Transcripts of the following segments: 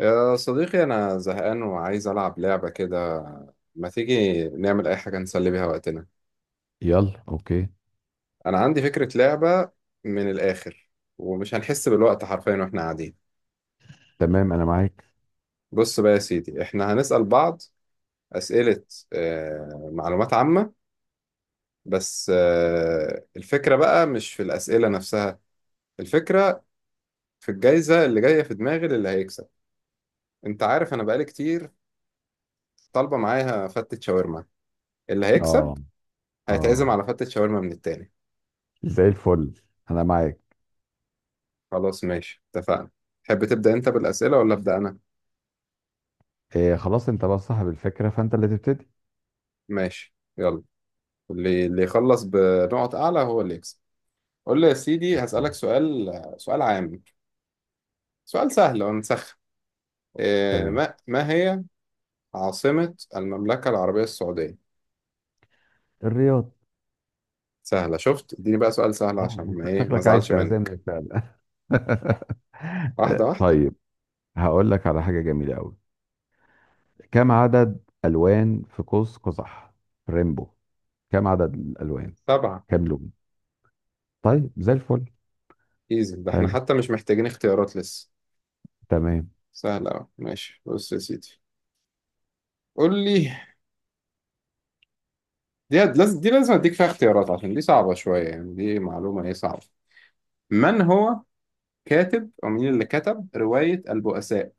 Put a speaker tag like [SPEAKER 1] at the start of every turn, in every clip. [SPEAKER 1] يا صديقي، أنا زهقان وعايز ألعب لعبة كده. ما تيجي نعمل أي حاجة نسلي بيها وقتنا؟
[SPEAKER 2] يلا، اوكي.
[SPEAKER 1] أنا عندي فكرة لعبة، من الآخر، ومش هنحس بالوقت حرفيا وإحنا قاعدين.
[SPEAKER 2] تمام، انا معاك.
[SPEAKER 1] بص بقى يا سيدي، إحنا هنسأل بعض أسئلة، معلومات عامة. بس الفكرة بقى مش في الأسئلة نفسها، الفكرة في الجايزة اللي جاية في دماغي للي هيكسب. أنت عارف أنا بقالي كتير طالبة معايا فتة شاورما. اللي هيكسب
[SPEAKER 2] اه،
[SPEAKER 1] هيتعزم
[SPEAKER 2] اه.
[SPEAKER 1] على فتة شاورما من التاني.
[SPEAKER 2] زي الفل، انا معاك.
[SPEAKER 1] خلاص ماشي، اتفقنا. تحب تبدأ انت بالأسئلة ولا أبدأ أنا؟
[SPEAKER 2] إيه خلاص، انت بقى صاحب الفكره فانت اللي تبتدي.
[SPEAKER 1] ماشي يلا. اللي يخلص بنقط أعلى هو اللي يكسب. قول لي يا سيدي،
[SPEAKER 2] اوكي.
[SPEAKER 1] هسألك سؤال. سؤال عام، سؤال سهل ونسخن. إيه
[SPEAKER 2] تمام.
[SPEAKER 1] ما هي عاصمة المملكة العربية السعودية؟
[SPEAKER 2] الرياض.
[SPEAKER 1] سهلة، شفت؟ اديني بقى سؤال سهل
[SPEAKER 2] لا
[SPEAKER 1] عشان ما
[SPEAKER 2] انت
[SPEAKER 1] ايه ما
[SPEAKER 2] شكلك عايز
[SPEAKER 1] ازعلش منك.
[SPEAKER 2] تعزمني فعلا.
[SPEAKER 1] واحدة واحدة.
[SPEAKER 2] طيب، هقول لك على حاجه جميله قوي. كم عدد الوان في قوس قزح؟ ريمبو. كم عدد الالوان؟
[SPEAKER 1] سبعة.
[SPEAKER 2] كم لون؟ طيب، زي الفل.
[SPEAKER 1] ايزي، ده احنا
[SPEAKER 2] حلو.
[SPEAKER 1] حتى مش محتاجين اختيارات لسه.
[SPEAKER 2] تمام.
[SPEAKER 1] سهلة أوي. ماشي بص يا سيدي، قول لي. دي لازم اديك فيها اختيارات عشان دي صعبة شوية، يعني دي معلومة ايه صعبة. من هو كاتب او مين اللي كتب رواية البؤساء؟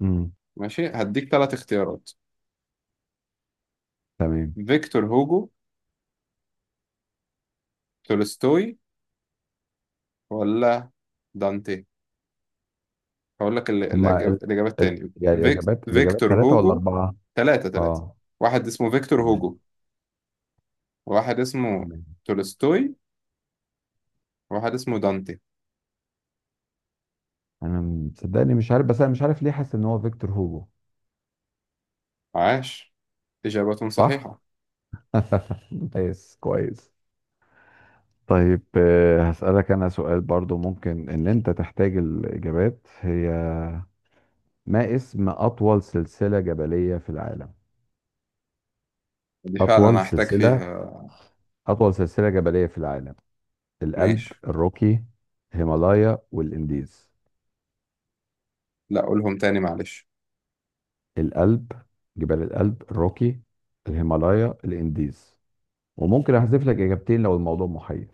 [SPEAKER 2] امم
[SPEAKER 1] ماشي، هديك ثلاث اختيارات:
[SPEAKER 2] تمام.
[SPEAKER 1] فيكتور هوجو، تولستوي، ولا دانتي؟ هقول لك ال-
[SPEAKER 2] هما
[SPEAKER 1] الأج- الإجابة التانية.
[SPEAKER 2] يعني
[SPEAKER 1] فيك...
[SPEAKER 2] الاجابات
[SPEAKER 1] فيكتور
[SPEAKER 2] ثلاثه ولا
[SPEAKER 1] هوجو.
[SPEAKER 2] اربعه؟
[SPEAKER 1] ثلاثة ثلاثة.
[SPEAKER 2] اه.
[SPEAKER 1] واحد اسمه فيكتور
[SPEAKER 2] تمام.
[SPEAKER 1] هوجو، واحد اسمه
[SPEAKER 2] تمام.
[SPEAKER 1] تولستوي، واحد اسمه دانتي.
[SPEAKER 2] انا مصدقني مش عارف، بس انا مش عارف ليه حاسس ان هو فيكتور هوجو.
[SPEAKER 1] عاش، إجابة
[SPEAKER 2] صح.
[SPEAKER 1] صحيحة.
[SPEAKER 2] كويس، كويس. طيب، هسألك انا سؤال برضو ممكن ان انت تحتاج الاجابات. هي ما اسم اطول سلسلة جبلية في العالم؟
[SPEAKER 1] دي
[SPEAKER 2] اطول
[SPEAKER 1] فعلا هحتاج
[SPEAKER 2] سلسلة.
[SPEAKER 1] فيها.
[SPEAKER 2] اطول سلسلة جبلية في العالم. الألب،
[SPEAKER 1] ماشي.
[SPEAKER 2] الروكي، الهيمالايا، والانديز.
[SPEAKER 1] لا قولهم تاني معلش.
[SPEAKER 2] الألب. جبال الألب، الروكي، الهيمالايا، الانديز. وممكن احذف لك اجابتين لو الموضوع محير.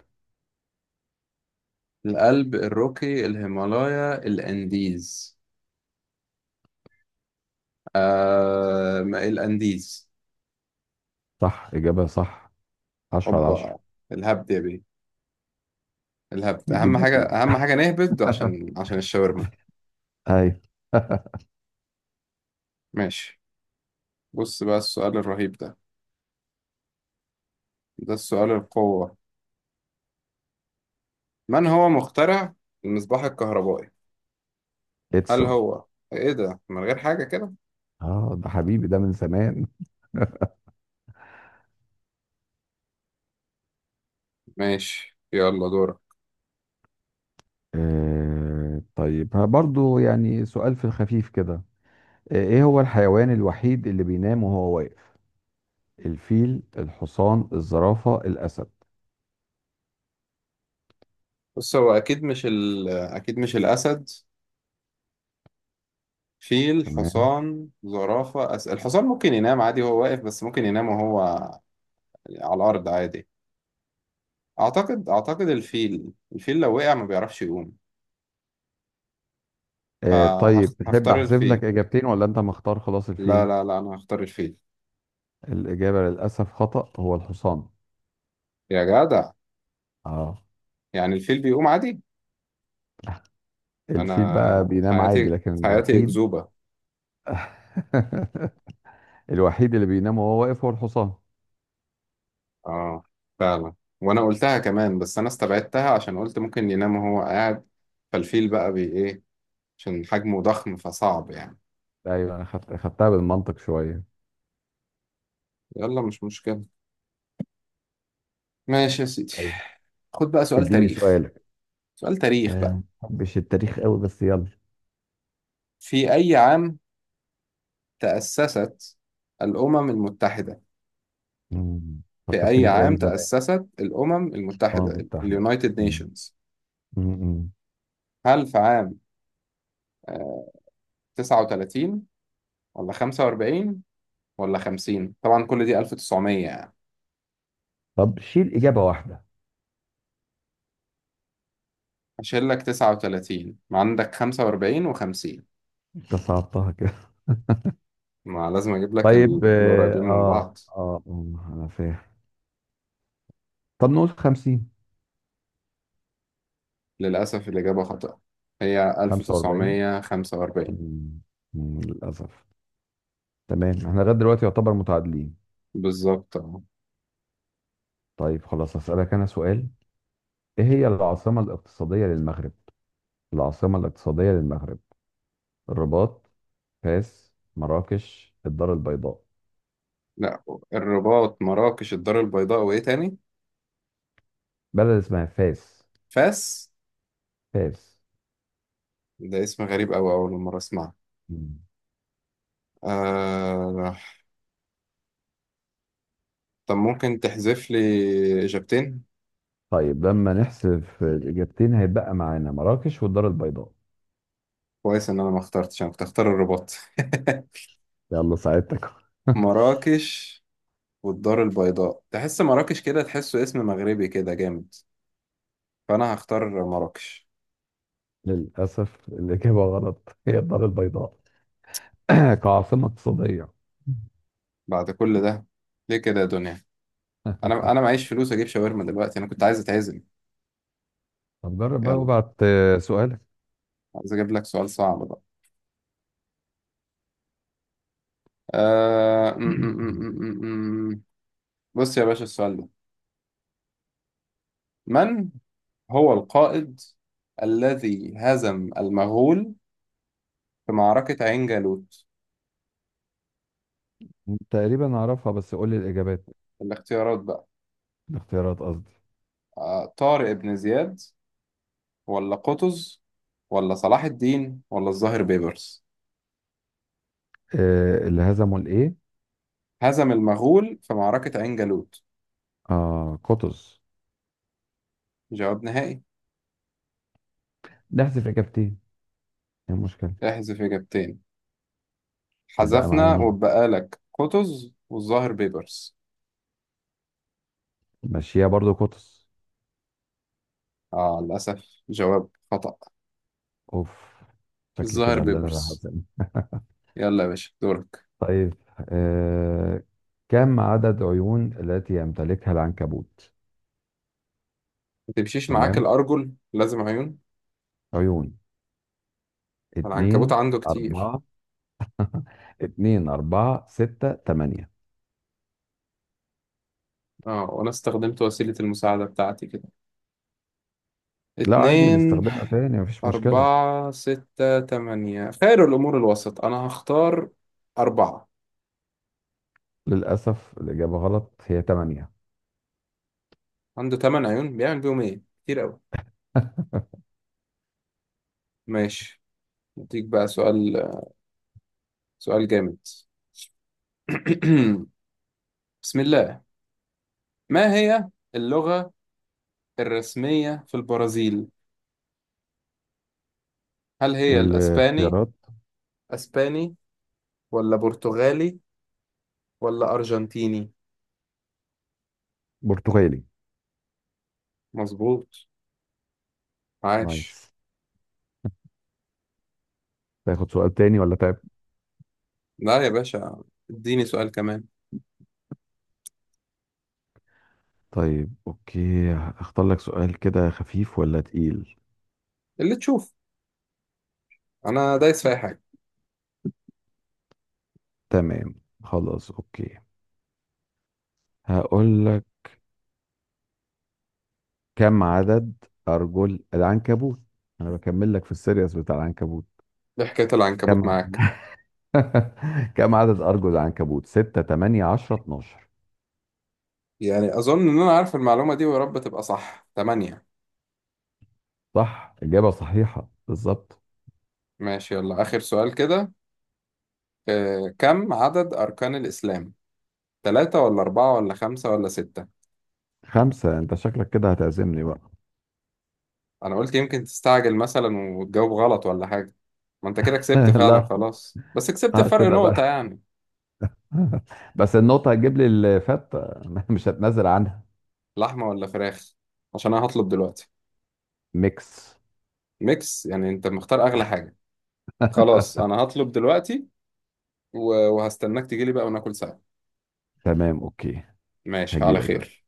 [SPEAKER 1] الألب، الروكي، الهيمالايا، الأنديز. آه، ما الأنديز.
[SPEAKER 2] صح، إجابة صح. 10 على 10.
[SPEAKER 1] هوبا، الهبد يا بيه. الهبد أهم
[SPEAKER 2] بيجيب
[SPEAKER 1] حاجة،
[SPEAKER 2] نتيجة.
[SPEAKER 1] أهم حاجة نهبد عشان الشاورما.
[SPEAKER 2] أيوه.
[SPEAKER 1] ماشي، بص بقى السؤال الرهيب ده، ده السؤال القوة. من هو مخترع المصباح الكهربائي؟ هل
[SPEAKER 2] إدسون.
[SPEAKER 1] هو إيه ده من غير حاجة كده؟
[SPEAKER 2] آه، ده حبيبي ده من زمان.
[SPEAKER 1] ماشي يلا دورك.
[SPEAKER 2] آه طيب، ها برضو يعني سؤال في الخفيف كده. إيه هو الحيوان الوحيد اللي بينام وهو واقف؟ الفيل، الحصان، الزرافة، الأسد.
[SPEAKER 1] بص، هو أكيد مش أكيد مش الأسد. فيل،
[SPEAKER 2] تمام.
[SPEAKER 1] حصان، زرافة، الحصان ممكن ينام عادي وهو واقف، بس ممكن ينام وهو على الأرض عادي. أعتقد الفيل لو وقع ما بيعرفش يقوم.
[SPEAKER 2] آه طيب، تحب
[SPEAKER 1] فهختار
[SPEAKER 2] أحذف
[SPEAKER 1] الفيل.
[SPEAKER 2] لك إجابتين ولا أنت مختار خلاص
[SPEAKER 1] لا
[SPEAKER 2] الفيل؟
[SPEAKER 1] لا لا، أنا هختار الفيل.
[SPEAKER 2] الإجابة للأسف خطأ، هو الحصان.
[SPEAKER 1] يا جدع،
[SPEAKER 2] آه،
[SPEAKER 1] يعني الفيل بيقوم عادي.
[SPEAKER 2] الفيل بقى
[SPEAKER 1] أنا
[SPEAKER 2] بينام عادي
[SPEAKER 1] حياتي،
[SPEAKER 2] لكن
[SPEAKER 1] حياتي
[SPEAKER 2] الوحيد.
[SPEAKER 1] أكذوبة.
[SPEAKER 2] الوحيد اللي بينام وهو واقف هو الحصان.
[SPEAKER 1] آه، فعلا. وأنا قلتها كمان بس أنا استبعدتها عشان قلت ممكن ينام وهو قاعد. فالفيل بقى بي إيه، عشان حجمه ضخم فصعب يعني.
[SPEAKER 2] ايوه، انا خدتها بالمنطق شويه.
[SPEAKER 1] يلا مش مشكلة، ماشي يا سيدي.
[SPEAKER 2] طيب،
[SPEAKER 1] خد بقى سؤال
[SPEAKER 2] اديني
[SPEAKER 1] تاريخ.
[SPEAKER 2] سؤالك.
[SPEAKER 1] سؤال تاريخ بقى.
[SPEAKER 2] آه، مش التاريخ قوي بس يلا.
[SPEAKER 1] في أي عام تأسست الأمم المتحدة؟
[SPEAKER 2] مم.
[SPEAKER 1] في أي
[SPEAKER 2] فكرتني
[SPEAKER 1] عام
[SPEAKER 2] بايام زمان.
[SPEAKER 1] تأسست الأمم
[SPEAKER 2] اه،
[SPEAKER 1] المتحدة،
[SPEAKER 2] كنت احلى.
[SPEAKER 1] اليونايتد
[SPEAKER 2] مم.
[SPEAKER 1] نيشنز؟
[SPEAKER 2] مم، مم.
[SPEAKER 1] هل في عام 39 ولا 45 ولا 50؟ طبعا كل دي 1900 يعني.
[SPEAKER 2] طب شيل اجابه واحده.
[SPEAKER 1] هشيل لك 39، ما عندك 45 و50.
[SPEAKER 2] انت صعبتها كده.
[SPEAKER 1] ما لازم أجيب لك
[SPEAKER 2] طيب، اه،
[SPEAKER 1] القريبين من
[SPEAKER 2] اه.
[SPEAKER 1] بعض.
[SPEAKER 2] آه، آه، انا فاهم. طب نقول 50؟
[SPEAKER 1] للأسف الإجابة خطأ، هي
[SPEAKER 2] 45.
[SPEAKER 1] 1945.
[SPEAKER 2] مم، مم، للاسف. تمام، احنا لغايه دلوقتي يعتبر متعادلين.
[SPEAKER 1] بالظبط أهو.
[SPEAKER 2] طيب خلاص، هسألك انا سؤال. ايه هي العاصمة الاقتصادية للمغرب؟ العاصمة الاقتصادية للمغرب. الرباط، فاس، مراكش، الدار البيضاء.
[SPEAKER 1] لا، الرباط، مراكش، الدار البيضاء، وإيه تاني؟
[SPEAKER 2] بلد اسمها فاس.
[SPEAKER 1] فاس.
[SPEAKER 2] فاس.
[SPEAKER 1] ده اسم غريب أوي، أول مرة أسمعه.
[SPEAKER 2] مم.
[SPEAKER 1] آه... طب ممكن تحذف لي إجابتين؟
[SPEAKER 2] طيب، لما نحسب الإجابتين هيتبقى معانا مراكش والدار البيضاء.
[SPEAKER 1] كويس إن أنا ما اخترتش، أنا كنت أختار الرباط.
[SPEAKER 2] يلا ساعدتك.
[SPEAKER 1] مراكش والدار البيضاء، تحس مراكش كده، تحسه اسم مغربي كده جامد. فأنا هختار مراكش.
[SPEAKER 2] للأسف الإجابة غلط، هي الدار البيضاء. كعاصمة اقتصادية.
[SPEAKER 1] بعد كل ده، ليه كده يا دنيا؟ أنا معيش فلوس أجيب شاورما دلوقتي، أنا كنت عايز أتعزم.
[SPEAKER 2] طب جرب بقى
[SPEAKER 1] يلا،
[SPEAKER 2] وابعت سؤالك.
[SPEAKER 1] عايز أجيب لك سؤال صعب بقى. آه... م- م- م- م- م- م. بص يا باشا، السؤال ده: من هو القائد الذي هزم المغول في معركة عين جالوت؟
[SPEAKER 2] تقريبا أعرفها بس قول لي الإجابات.
[SPEAKER 1] الاختيارات بقى.
[SPEAKER 2] الاختيارات قصدي.
[SPEAKER 1] طارق بن زياد، ولا قطز، ولا صلاح الدين، ولا الظاهر بيبرس؟
[SPEAKER 2] اللي هزموا الإيه؟
[SPEAKER 1] هزم المغول في معركة عين جالوت.
[SPEAKER 2] آه، قطز.
[SPEAKER 1] جواب نهائي.
[SPEAKER 2] نحذف إجابتين. ايه المشكلة؟
[SPEAKER 1] احذف إجابتين.
[SPEAKER 2] يبقى معايا
[SPEAKER 1] حذفنا،
[SPEAKER 2] مين؟
[SPEAKER 1] وبقى لك قطز والظاهر بيبرس.
[SPEAKER 2] ماشية برضو قطز.
[SPEAKER 1] آه، للأسف جواب خطأ.
[SPEAKER 2] اوف. شكل
[SPEAKER 1] الظاهر
[SPEAKER 2] كده اللي انا راح
[SPEAKER 1] بيبرس.
[SPEAKER 2] أزن.
[SPEAKER 1] يلا يا باشا دورك.
[SPEAKER 2] طيب. آه... كم عدد عيون التي يمتلكها العنكبوت؟
[SPEAKER 1] ما تمشيش معاك
[SPEAKER 2] تمام.
[SPEAKER 1] الأرجل، لازم عيون.
[SPEAKER 2] عيون.
[SPEAKER 1] العنكبوت
[SPEAKER 2] اتنين.
[SPEAKER 1] عنده كتير.
[SPEAKER 2] أربعة. اتنين، أربعة، ستة، تمانية.
[SPEAKER 1] اه، وانا استخدمت وسيلة المساعدة بتاعتي كده.
[SPEAKER 2] لا عادي
[SPEAKER 1] اتنين،
[SPEAKER 2] نستخدمها تاني، مفيش مشكلة.
[SPEAKER 1] اربعة، ستة، تمانية، خير الامور الوسط، انا هختار اربعة.
[SPEAKER 2] للأسف الإجابة غلط، هي تمانية.
[SPEAKER 1] عنده تمن عيون، بيعمل بيهم ايه كتير اوي. ماشي، اديك بقى سؤال. سؤال جامد. بسم الله. ما هي اللغة الرسمية في البرازيل؟ هل هي الاسباني؟
[SPEAKER 2] الاختيارات.
[SPEAKER 1] اسباني ولا برتغالي ولا ارجنتيني؟
[SPEAKER 2] برتغالي.
[SPEAKER 1] مظبوط،
[SPEAKER 2] نايس.
[SPEAKER 1] عاش.
[SPEAKER 2] تاخد سؤال تاني ولا تعب؟
[SPEAKER 1] لا يا باشا، اديني سؤال كمان.
[SPEAKER 2] طيب اوكي، اختار لك سؤال كده خفيف ولا تقيل.
[SPEAKER 1] اللي تشوف، انا دايس في اي حاجه.
[SPEAKER 2] تمام. خلاص اوكي، هقول لك. كم عدد ارجل العنكبوت؟ انا بكمل لك في السيريس بتاع العنكبوت.
[SPEAKER 1] إيه حكايه العنكبوت
[SPEAKER 2] كم ع-
[SPEAKER 1] معاك؟
[SPEAKER 2] كم عدد ارجل العنكبوت؟ 6، 8، 10، 12.
[SPEAKER 1] يعني اظن ان انا عارف المعلومه دي ويا رب تبقى صح. تمانية.
[SPEAKER 2] صح، اجابة صحيحة بالظبط.
[SPEAKER 1] ماشي يلا، اخر سؤال كده. كم عدد اركان الاسلام؟ ثلاثة ولا أربعة ولا خمسة ولا ستة؟
[SPEAKER 2] خمسة. انت شكلك كده هتعزمني بقى.
[SPEAKER 1] انا قلت يمكن تستعجل مثلا وتجاوب غلط ولا حاجه. ما انت كده كسبت فعلا
[SPEAKER 2] لا.
[SPEAKER 1] خلاص، بس كسبت
[SPEAKER 2] اه،
[SPEAKER 1] فرق
[SPEAKER 2] كده بقى.
[SPEAKER 1] نقطه يعني.
[SPEAKER 2] بس النقطة هتجيب لي الفتة. مش هتنازل عنها.
[SPEAKER 1] لحمه ولا فراخ؟ عشان انا هطلب دلوقتي.
[SPEAKER 2] ميكس.
[SPEAKER 1] ميكس يعني انت مختار اغلى حاجه. خلاص، انا هطلب دلوقتي وهستناك تجيلي بقى وناكل سوا.
[SPEAKER 2] تمام اوكي.
[SPEAKER 1] ماشي على
[SPEAKER 2] هجيلك دلوقتي.
[SPEAKER 1] خير.